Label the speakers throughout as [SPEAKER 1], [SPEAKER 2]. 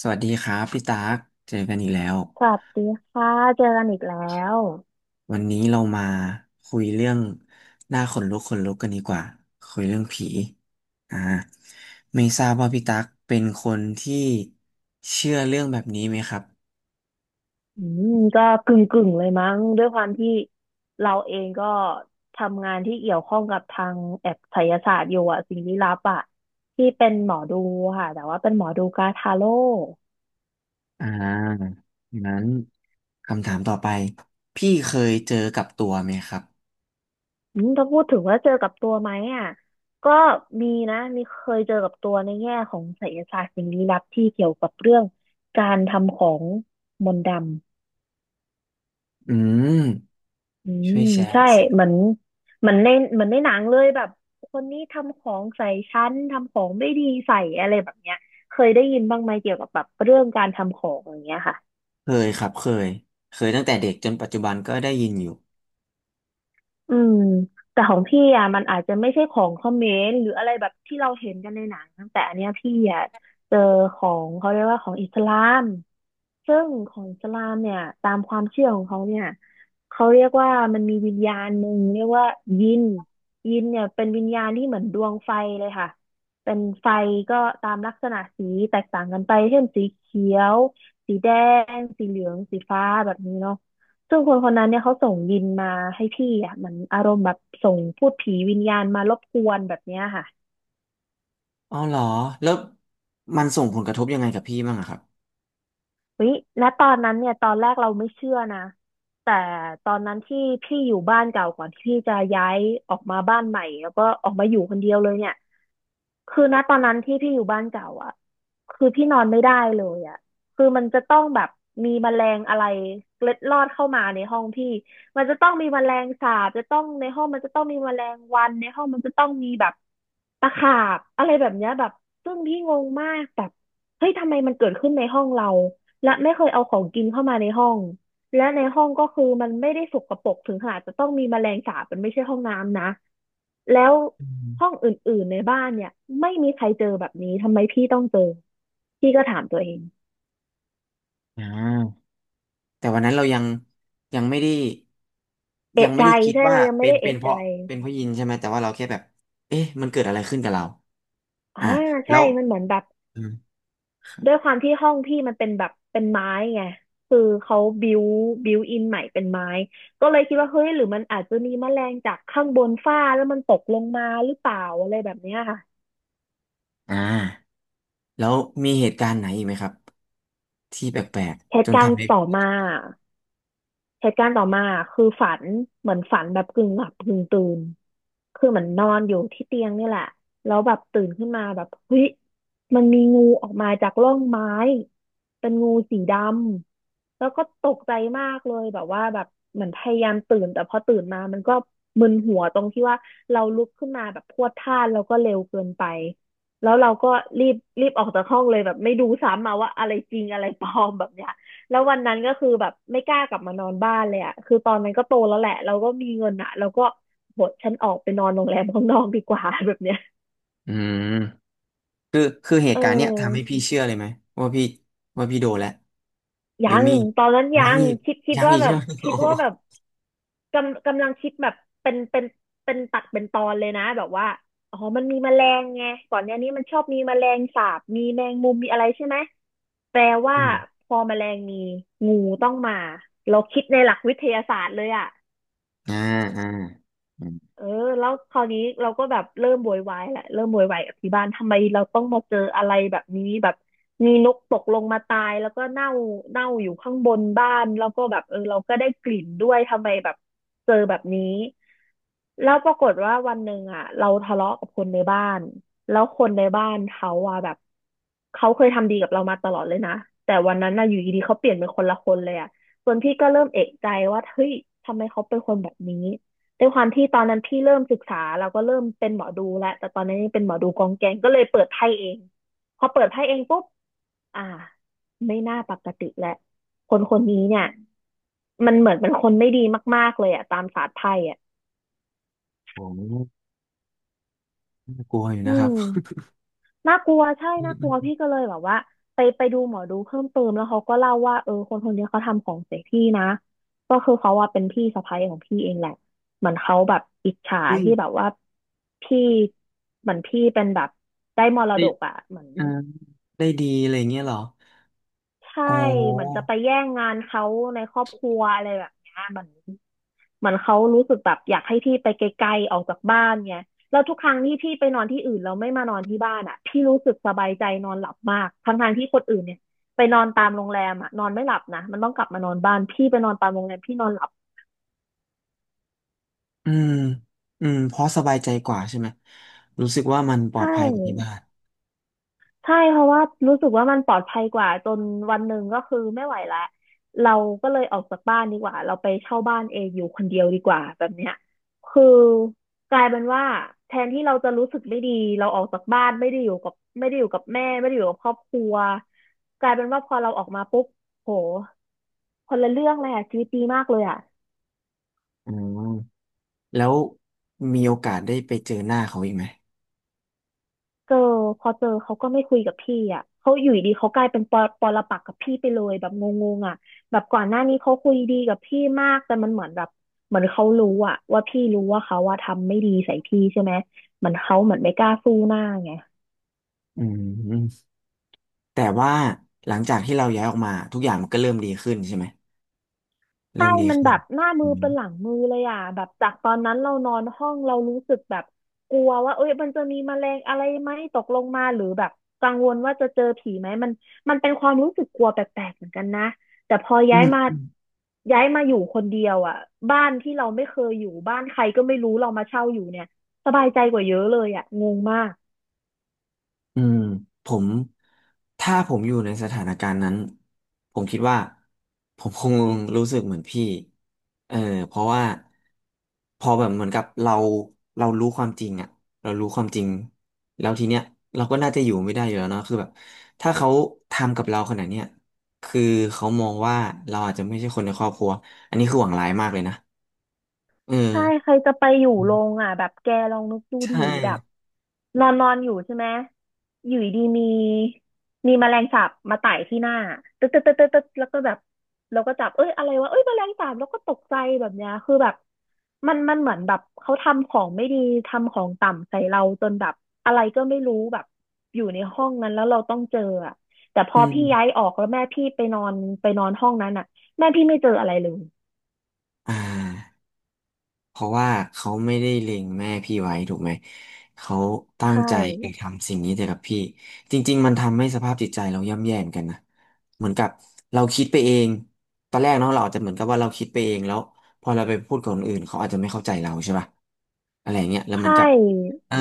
[SPEAKER 1] สวัสดีครับพี่ตากเจอกันอีกแล้ว
[SPEAKER 2] สวัสดีค่ะเจอกันอีกแล้ว
[SPEAKER 1] วันนี้เรามาคุยเรื่องหน้าขนลุกขนลุกกันดีกว่าคุยเรื่องผีอ่าไม่ทราบว่าพี่ตักเป็นคนที่เชื่อเรื่องแบบนี้ไหมครับ
[SPEAKER 2] อืก็กึ่งเลยมั้งด้วยความที่เราเองก็ทำงานที่เกี่ยวข้องกับทางแอบไสยศาสตร์อยู่อะสิ่งลี้ลับอะที่เป็นหมอดูค่ะแต่ว่าเป็นหมอดูกาทาโร่
[SPEAKER 1] อ่างั้นคำถามต่อไปพี่เคยเจอกับตัวไหมครับ
[SPEAKER 2] ถ้าพูดถึงว่าเจอกับตัวไหมอะก็มีนะมีเคยเจอกับตัวในแง่ของไสยศาสตร์สิ่งลี้ลับที่เกี่ยวกับเรื่องการทำของมนต์ดำ
[SPEAKER 1] อืม
[SPEAKER 2] อื
[SPEAKER 1] ช่ว
[SPEAKER 2] ม
[SPEAKER 1] ยแชร์
[SPEAKER 2] ใช่
[SPEAKER 1] สิ
[SPEAKER 2] เหมือนเหมือนในเหมือนในหนังเลยแบบคนนี้ทำของใส่ฉันทำของไม่ดีใส่อะไรแบบเนี้ยเคยได้ยินบ้างไหมเกี่ยวกับแบบเรื่องการทำของอย่างเงี้ยค่ะ
[SPEAKER 1] เคยครับเคยเคยตั้งแต่เด็กจนปัจจุบันก็ได้ยินอยู่
[SPEAKER 2] อืมแต่ของพี่อ่ะมันอาจจะไม่ใช่ของเขมรหรืออะไรแบบที่เราเห็นกันในหนัง เจอของเขาเรียกว่าของอิสลาม ซึ่งของอิสลามเนี่ยตามความเชื่อของเขาเนี่ยเขาเรียกว่ามันมีวิญญาณหนึ่งเรียกว่ายินยินเนี่ยเป็นวิญญาณที่เหมือนดวงไฟเลยค่ะเป็นไฟก็ตามลักษณะสีแตกต่างกันไปเช่นสีเขียวสีแดงสีเหลืองสีฟ้าแบบนี้เนาะซึ่งคนคนนั้นเนี่ยเขาส่งยินมาให้พี่อ่ะเหมันอารมณ์แบบส่งพูดผีวิญญาณมารบกวนแบบเนี้ยค่ะ
[SPEAKER 1] อ๋อเหรอแล้วมันส่งผลกระทบยังไงกับพี่บ้างอะครับ
[SPEAKER 2] วิณตอนนั้นเนี่ยตอนแรกเราไม่เชื่อนะแต่ตอนนั้นที่พี่อยู่บ้านเก่าก่อนที่พี่จะย้ายออกมาบ้านใหม่แล้วก็ออกมาอยู่คนเดียวเลยเนี่ยคือณตอนนั้นที่พี่อยู่บ้านเก่าอ่ะคือพี่นอนไม่ได้เลยอ่ะคือมันจะต้องแบบมีแมลงอะไรเล็ดลอดเข้ามาในห้องพี่มันจะต้องมีแมลงสาบจะต้องในห้องมันจะต้องมีแมลงวันในห้องมันจะต้องมีแบบ ตะขาบอะไรแบบเนี้ยแบบซึ่งพี่งงมากแบบเฮ้ยทำไมมันเกิดขึ้นในห้องเราและไม่เคยเอาของกินเข้ามาในห้องและในห้องก็คือมันไม่ได้สกปรกถึงขนาดจะต้องมีแมลงสาบมันไม่ใช่ห้องน้ำนะแล้วห้องอื่นๆในบ้านเนี่ยไม่มีใครเจอแบบนี้ทำไมพี่ต้องเจอพี่ก็ถามตัวเอง
[SPEAKER 1] อ่าแต่วันนั้นเรายังยังไม่ได้ยั
[SPEAKER 2] เอะ
[SPEAKER 1] งไม่
[SPEAKER 2] ใจ
[SPEAKER 1] ได้คิด
[SPEAKER 2] ใช่
[SPEAKER 1] ว่า
[SPEAKER 2] เรายังไม่ได้
[SPEAKER 1] เป็น
[SPEAKER 2] เอะ
[SPEAKER 1] เพ
[SPEAKER 2] ใจ
[SPEAKER 1] ราะเป็นเพราะยินใช่ไหมแต่ว่าเราแค่แบบเอ๊ะมันเกิดอะไรขึ้นกับเรา
[SPEAKER 2] อ่า
[SPEAKER 1] อ่าแล้
[SPEAKER 2] ใช่
[SPEAKER 1] ว
[SPEAKER 2] มันเหมือนแบบ
[SPEAKER 1] อืม
[SPEAKER 2] ด้วยความที่ห้องพี่มันเป็นแบบเป็นไม้ไงคือเขาบิวอินใหม่เป็นไม้ก็เลยคิดว่าเฮ้ยหรือมันอาจจะมีแมลงจากข้างบนฝ้าแล้วมันตกลงมาหรือเปล่าอะไรแบบเนี้ยค่ะ
[SPEAKER 1] อ่าแล้วมีเหตุการณ์ไหนอีกไหมครับที่แปลก
[SPEAKER 2] เห
[SPEAKER 1] ๆจ
[SPEAKER 2] ตุ
[SPEAKER 1] น
[SPEAKER 2] การ
[SPEAKER 1] ทำ
[SPEAKER 2] ณ์
[SPEAKER 1] ให้
[SPEAKER 2] ต่อมาเหตุการณ์ต่อมาคือฝันเหมือนฝันแบบกึ่งหลับกึ่งตื่นคือเหมือนนอนอยู่ที่เตียงนี่แหละแล้วแบบตื่นขึ้นมาแบบเฮ้ยมันมีงูออกมาจากร่องไม้เป็นงูสีดำ แล้วก็ตกใจมากเลยแบบว่าแบบเหมือนพยายามตื่นแต่พอตื่นมามันก็มึนหัวตรงที่ว่าเราลุกขึ้นมาแบบพรวดพลาดแล้วก็เร็วเกินไปแล้วเราก็รีบรีบออกจากห้องเลยแบบไม่ดูซ้ำมาว่าอะไรจริงอะไรปลอมแบบเนี้ยแล้ววันนั้นก็คือแบบไม่กล้ากลับมานอนบ้านเลยอ่ะคือตอนนั้นก็โตแล้วแหละเราก็มีเงินอ่ะเราก็บทฉันออกไปนอนโรงแรมข้างนอกดีกว่าแบบเนี้ย
[SPEAKER 1] อืมคือเห
[SPEAKER 2] เออ
[SPEAKER 1] ตุการณ์เนี้ยทำให้พี่เชื่อเลยไหมว่าพี่ว่าพี่โดนแล้วหรือ
[SPEAKER 2] ยัง
[SPEAKER 1] มี
[SPEAKER 2] ตอนนั้น
[SPEAKER 1] ยั
[SPEAKER 2] ยั
[SPEAKER 1] ง
[SPEAKER 2] ง
[SPEAKER 1] อีก
[SPEAKER 2] คิด
[SPEAKER 1] ยัง
[SPEAKER 2] ว่า
[SPEAKER 1] อีก
[SPEAKER 2] แบ
[SPEAKER 1] ใช่
[SPEAKER 2] บ
[SPEAKER 1] ไหมโอ้
[SPEAKER 2] คิด
[SPEAKER 1] โห
[SPEAKER 2] ว่า แบบกำลังคิดแบบเป็นเป็นเป็นตัดเป็นตอนเลยนะแบบว่าอ๋อมันมีแมลงไงก่อนหน้านี้มันชอบมีแมลงสาบมีแมงมุมมีอะไรใช่ไหมแปลว่า
[SPEAKER 1] อืม
[SPEAKER 2] พอแมลงมีงูต้องมาเราคิดในหลักวิทยาศาสตร์เลยอะ
[SPEAKER 1] อ่าอ่าอืม
[SPEAKER 2] เออแล้วคราวนี้เราก็แบบเริ่มโวยวายแหละเริ่มโวยวายกับที่บ้านทำไมเราต้องมาเจออะไรแบบนี้แบบมีนกตกลงมาตายแล้วก็เน่าอยู่ข้างบนบ้านแล้วก็แบบเออเราก็ได้กลิ่นด้วยทำไมแบบเจอแบบนี้แล้วปรากฏว่าวันหนึ่งอ่ะเราทะเลาะกับคนในบ้านแล้วคนในบ้านเขาอ่ะแบบเขาเคยทำดีกับเรามาตลอดเลยนะแต่วันนั้นน่ะอยู่ดีๆเขาเปลี่ยนเป็นคนละคนเลยอ่ะส่วนพี่ก็เริ่มเอะใจว่าเฮ้ยทำไมเขาเป็นคนแบบนี้ ด้วยความที่ตอนนั้นพี่เริ่มศึกษาเราก็เริ่มเป็นหมอดูแล้วแต่ตอนนั้นยังเป็นหมอดูกองแกงก็เลยเปิดไพ่เองพอเปิดไพ่เองปุ๊บอ่าไม่น่าปกติแล้วคนคนนี้เนี่ยมันเหมือนเป็นคนไม่ดีมากๆเลยอะตามศาสตร์ไพ่อะ
[SPEAKER 1] โอ้โหน่ากลัวอยู่
[SPEAKER 2] อื
[SPEAKER 1] นะครับ
[SPEAKER 2] ม น่ากลัวใช่น่ากลัวพี่ก็เลยแบบว่าไปดูหมอดูเพิ่มเติมแล้วเขาก็เล่าว่าเออคนคนนี้เขาทำของใส่พี่นะก็คือเขาว่าเป็นพี่สะใภ้ของพี่เองแหละเหมือนเขาแบบอิจฉา
[SPEAKER 1] อุ้ย
[SPEAKER 2] ที่แบบว่าพี่เหมือนพี่เป็นแบบได้มร
[SPEAKER 1] ได้
[SPEAKER 2] ดกอ่ะเหมือน
[SPEAKER 1] อ่าได้ดีอะไรอย่างเงี้ยเหรอ
[SPEAKER 2] ใช่
[SPEAKER 1] อ๋
[SPEAKER 2] เหมือนจะ
[SPEAKER 1] อ
[SPEAKER 2] ไปแย่งงานเขาในครอบครัวอะไรแบบเนี้ยเหมือน เหมือนเขารู้สึกแบบอยากให้พี่ไปไกลๆออกจากบ้านไงแล้วทุกครั้งที่พี่ไปนอนที่อื่นแล้วไม่มานอนที่บ้านอ่ะพี่รู้สึกสบายใจนอนหลับมากทั้งๆที่คนอื่นเนี่ยไปนอนตามโรงแรมอ่ะนอนไม่หลับนะมันต้องกลับมานอนบ้านพี่ไปนอนตามโรงแรมพี่นอนหลับ
[SPEAKER 1] อืมอืมเพราะสบายใจกว่าใช่ไหมรู้สึกว่ามันปล
[SPEAKER 2] ใช
[SPEAKER 1] อดภัยกว่าที่
[SPEAKER 2] ่
[SPEAKER 1] บ้าน
[SPEAKER 2] ใช่เพราะว่ารู้สึกว่ามันปลอดภัยกว่าจนวันหนึ่งก็คือไม่ไหวละเราก็เลยออกจากบ้านดีกว่าเราไปเช่าบ้านเองอยู่คนเดียวดีกว่าแบบเนี้ยคือกลายเป็นว่าแทนที่เราจะรู้สึกไม่ดีเราออกจากบ้านไม่ได้อยู่กับแม่ไม่ได้อยู่กับครอบครัวกลายเป็นว่าพอเราออกมาปุ๊บโหคนละเรื่องเลยอะชีวิตดีมากเลยอะ
[SPEAKER 1] อ๋อแล้วมีโอกาสได้ไปเจอหน้าเขาอีกไหม
[SPEAKER 2] เจอพอเจอเขาก็ไม่คุยกับพี่อ่ะเขาอยู่ดีเขากลายเป็นปอปรปักษ์กับพี่ไปเลยแบบงงๆอ่ะแบบก่อนหน้านี้เขาคุยดีกับพี่มากแต่มันเหมือนแบบเหมือนเขารู้อ่ะว่าพี่รู้ว่าเขาว่าทำไม่ดีใส่พี่ใช่ไหมเหมือนเขาเหมือนไม่กล้าสู้หน้าไง
[SPEAKER 1] อืมแต่ว่าหลังจากที่เราย้ายออกมาทุกอย่างมันก็เริ่มดีขึ้นใช่ไหม
[SPEAKER 2] ใช่
[SPEAKER 1] เริ่มดี
[SPEAKER 2] มัน
[SPEAKER 1] ขึ้น
[SPEAKER 2] แบบหน้ามื
[SPEAKER 1] อื
[SPEAKER 2] อเป็นหลังมือเลยอ่ะแบบจากตอนนั้นเรานอนห้องเรารู้สึกแบบกลัวว่าเอ้ยมันจะมีแมลงอะไรไหมตกลงมาหรือแบบกังวลว่าจะเจอผีไหมมันมันเป็นความรู้สึกกลัวแปลกๆเหมือนกันนะแต่พอย้าย
[SPEAKER 1] ม
[SPEAKER 2] มาอยู่คนเดียวอ่ะบ้านที่เราไม่เคยอยู่บ้านใครก็ไม่รู้เรามาเช่าอยู่เนี่ยสบายใจกว่าเยอะเลยอ่ะงงมาก
[SPEAKER 1] อืมผมถ้าผมอยู่ในสถานการณ์นั้นผมคิดว่าผมคงรู้สึกเหมือนพี่เออเพราะว่าพอแบบเหมือนกับเรารู้ความจริงอะเรารู้ความจริงแล้วทีเนี้ยเราก็น่าจะอยู่ไม่ได้อยู่แล้วเนาะคือแบบถ้าเขาทำกับเราขนาดเนี้ยคือเขามองว่าเราอาจจะไม่ใช่คนในครอบครัวอันนี้คือหวังร้ายมากเลยนะเออ
[SPEAKER 2] ใช่ใครจะไปอยู่
[SPEAKER 1] อื
[SPEAKER 2] โรง
[SPEAKER 1] ม
[SPEAKER 2] อ่ะแบบแกลองนึกดูดิ
[SPEAKER 1] ใช่
[SPEAKER 2] แบบนอนนอนอยู่ใช่ไหมอยู่ดีมีมีแมลงสาบมาไต่ที่หน้าตึ๊ดตึ๊ดตึ๊ดตึ๊ดตึ๊ดแล้วก็แบบเราก็จับเอ้ยอะไรวะเอ้ยแมลงสาบแล้วก็ตกใจแบบเนี้ยคือแบบมันเหมือนแบบเขาทำของไม่ดีทำของต่ำใส่เราจนแบบอะไรก็ไม่รู้แบบอยู่ในห้องนั้นแล้วเราต้องเจออ่ะแต่พ
[SPEAKER 1] อื
[SPEAKER 2] อ
[SPEAKER 1] ม
[SPEAKER 2] พี่ย้ายออกแล้วแม่พี่ไปนอนไปนอนห้องนั้นอ่ะแม่พี่ไม่เจออะไรเลย
[SPEAKER 1] อ่า เพราะว่าเขาไม่ได้เล็งแม่พี่ไว้ถูกไหมเขาตั้ง
[SPEAKER 2] ใช่
[SPEAKER 1] ใจไปทำสิ่งนี้แต่กับพี่จริงๆมันทำให้สภาพจิตใจเราย่ำแย่เหมือนกันนะเหมือนกับเราคิดไปเองตอนแรกเนาะเราอาจจะเหมือนกับว่าเราคิดไปเองแล้วพอเราไปพูดกับคนอื่นเขาอาจจะไม่เข้าใจเราใช่ป่ะอะไรอย่างเงี้ยแล้วเหมือ
[SPEAKER 2] ใช่
[SPEAKER 1] นกับเออ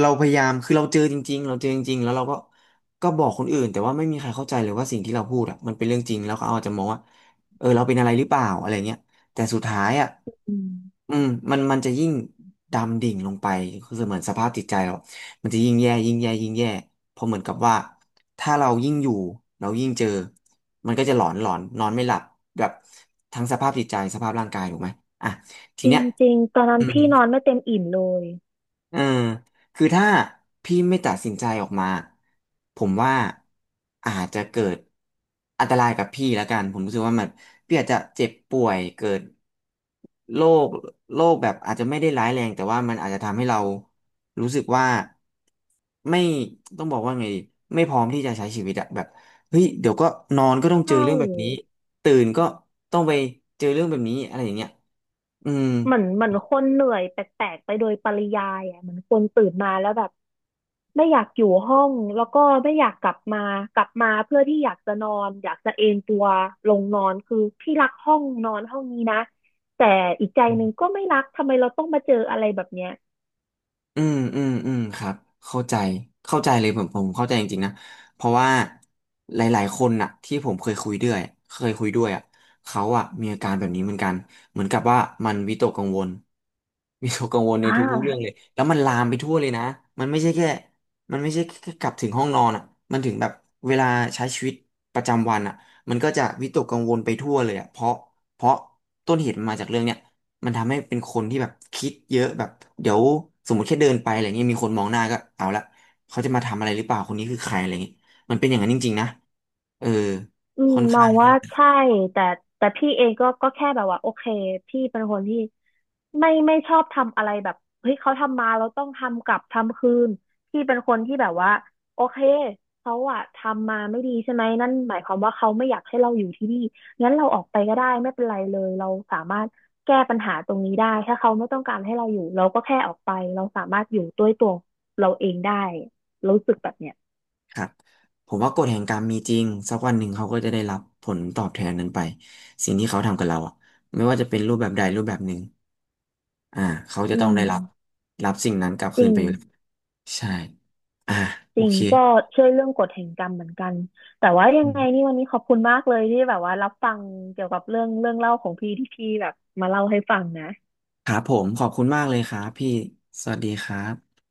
[SPEAKER 1] เราพยายามคือเราเจอจริงๆเราเจอจริงๆแล้วเราก็ก็บอกคนอื่นแต่ว่าไม่มีใครเข้าใจเลยว่าสิ่งที่เราพูดอะมันเป็นเรื่องจริงแล้วเขาอาจจะมองว่าเออเราเป็นอะไรหรือเปล่าอะไรเงี้ย แต่สุดท้ายอ่ะ
[SPEAKER 2] อืม
[SPEAKER 1] อืมมันจะยิ่งดำดิ่งลงไปคือเหมือนสภาพจิตใจเรามันจะยิ่งแย่ยิ่งแย่ยิ่งแย่เพราะเหมือนกับว่าถ้าเรายิ่งอยู่เรายิ่งเจอมันก็จะหลอนหลอนนอนไม่หลับแบบทั้งสภาพจิตใจสภาพร่างกายถูกไหมอ่ะที
[SPEAKER 2] จริ
[SPEAKER 1] เนี้ย
[SPEAKER 2] งจริงตอนนั้
[SPEAKER 1] อื
[SPEAKER 2] น
[SPEAKER 1] ม
[SPEAKER 2] พี่นอนไม่เต็มอิ่มเลย
[SPEAKER 1] เออคือถ้าพี่ไม่ตัดสินใจออกมา ผมว่าอาจจะเกิดอันตรายกับพี่แล้วกัน ผมรู้สึกว่ามันพี่อาจจะเจ็บป่วยเกิดโรคโรคแบบอาจจะไม่ได้ร้ายแรงแต่ว่ามันอาจจะทำให้เรารู้สึกว่าไม่ต้องบอกว่าไงดีไม่พร้อมที่จะใช้ชีวิตอะแบบเฮ้ยเดี๋ยวก็นอนก็ต้องเจ
[SPEAKER 2] ใช่
[SPEAKER 1] อเรื่องแบบนี้ตื่นก็ต้องไปเจอเรื่องแบบนี้อะไรอย่างเงี้ยอืม
[SPEAKER 2] เหมือนเหมือนคนเหนื่อยแปลกๆไปโดยปริยายอ่ะเหมือนคนตื่นมาแล้วแบบไม่อยากอยู่ห้องแล้วก็ไม่อยากกลับมากลับมาเพื่อที่อยากจะนอนอยากจะเอนตัวลงนอนคือพี่รักห้องนอนห้องนี้นะแต่อีกใจหนึ่งก็ไม่รักทำไมเราต้องมาเจออะไรแบบเนี้ย
[SPEAKER 1] อืมอืมอืมครับเข้าใจเข้าใจเลยผมเข้าใจจริงๆนะเพราะว่าหลายๆคนน่ะที่ผมเคยคุยด้วยเคยคุยด้วยอ่ะเขาอ่ะมีอาการแบบนี้เหมือนกันเหมือนกับว่ามันวิตกกังวลวิตกกังวลใน
[SPEAKER 2] อ่
[SPEAKER 1] ทุกๆเรื่อง
[SPEAKER 2] า
[SPEAKER 1] เลยแล้วมันลามไปทั่วเลยนะมันไม่ใช่แค่มันไม่ใช่แค่กลับถึงห้องนอนอ่ะมันถึงแบบเวลาใช้ชีวิตประจำวันอ่ะมันก็จะวิตกกังวลไปทั่วเลยอ่ะเพราะเพราะต้นเหตุมันมาจากเรื่องเนี้ย มันทำให้เป็นคนที่แบบคิดเยอะแบบเดี๋ยวสมมติแค่เดินไปอะไรเงี้ยมีคนมองหน้าก็เอาละเขาจะมาทำอะไรหรือเปล่าคนนี้คือใครอะไรเงี้ยมันเป็นอย่างนั้นจริงๆนะเออ
[SPEAKER 2] อืม
[SPEAKER 1] ค่อน
[SPEAKER 2] มอ
[SPEAKER 1] ข้าง
[SPEAKER 2] ง
[SPEAKER 1] ที่
[SPEAKER 2] ว่าใช่แต่แต่พี่เองก็ก็แค่แบบว่าโอเคพี่เป็นคนที่ไม่ชอบทำอะไรแบบเฮ้ยเขาทำมาเราต้องทำกลับทำคืนพี่เป็นคนที่แบบว่าโอเคเขาอะทำมาไม่ดีใช่ไหมนั่นหมายความว่าเขาไม่อยากให้เราอยู่ที่นี่งั้นเราออกไปก็ได้ไม่เป็นไรเลยเราสามารถแก้ปัญหาตรงนี้ได้ถ้าเขาไม่ต้องการให้เราอยู่เราก็แค่ออกไปเราสามารถอยู่ด้วยตัวเราเองได้รู้สึกแบบเนี้ย
[SPEAKER 1] ครับผมว่ากฎแห่งกรรมมีจริงสักวันหนึ่งเขาก็จะได้รับผลตอบแทนนั้นไปสิ่งที่เขาทำกับเราอะไม่ว่าจะเป็นรูปแบบใดรูปแบบหนึ่งอ่าเขาจะ
[SPEAKER 2] อื
[SPEAKER 1] ต้อง
[SPEAKER 2] ม
[SPEAKER 1] ได้รับรับสิ่งนั้นกลับ
[SPEAKER 2] จ
[SPEAKER 1] คื
[SPEAKER 2] ริ
[SPEAKER 1] น
[SPEAKER 2] ง
[SPEAKER 1] ไปอยู่แล้วใช่อ่า
[SPEAKER 2] จ
[SPEAKER 1] โอ
[SPEAKER 2] ริง
[SPEAKER 1] เค
[SPEAKER 2] ก็เช่วยเรื่องกฎแห่งกรรมเหมือนกันแต่ว่ายั
[SPEAKER 1] อื
[SPEAKER 2] งไงนี่
[SPEAKER 1] ม
[SPEAKER 2] วันนี้ขอบคุณมากเลยที่แบบว่ารับฟังเกี่ยวกับเรื่องเล่าของพี่ที่พี่แบบมาเล่าให้ฟังนะ
[SPEAKER 1] ครับผมขอบคุณมากเลยครับพี่สวัสดีครับ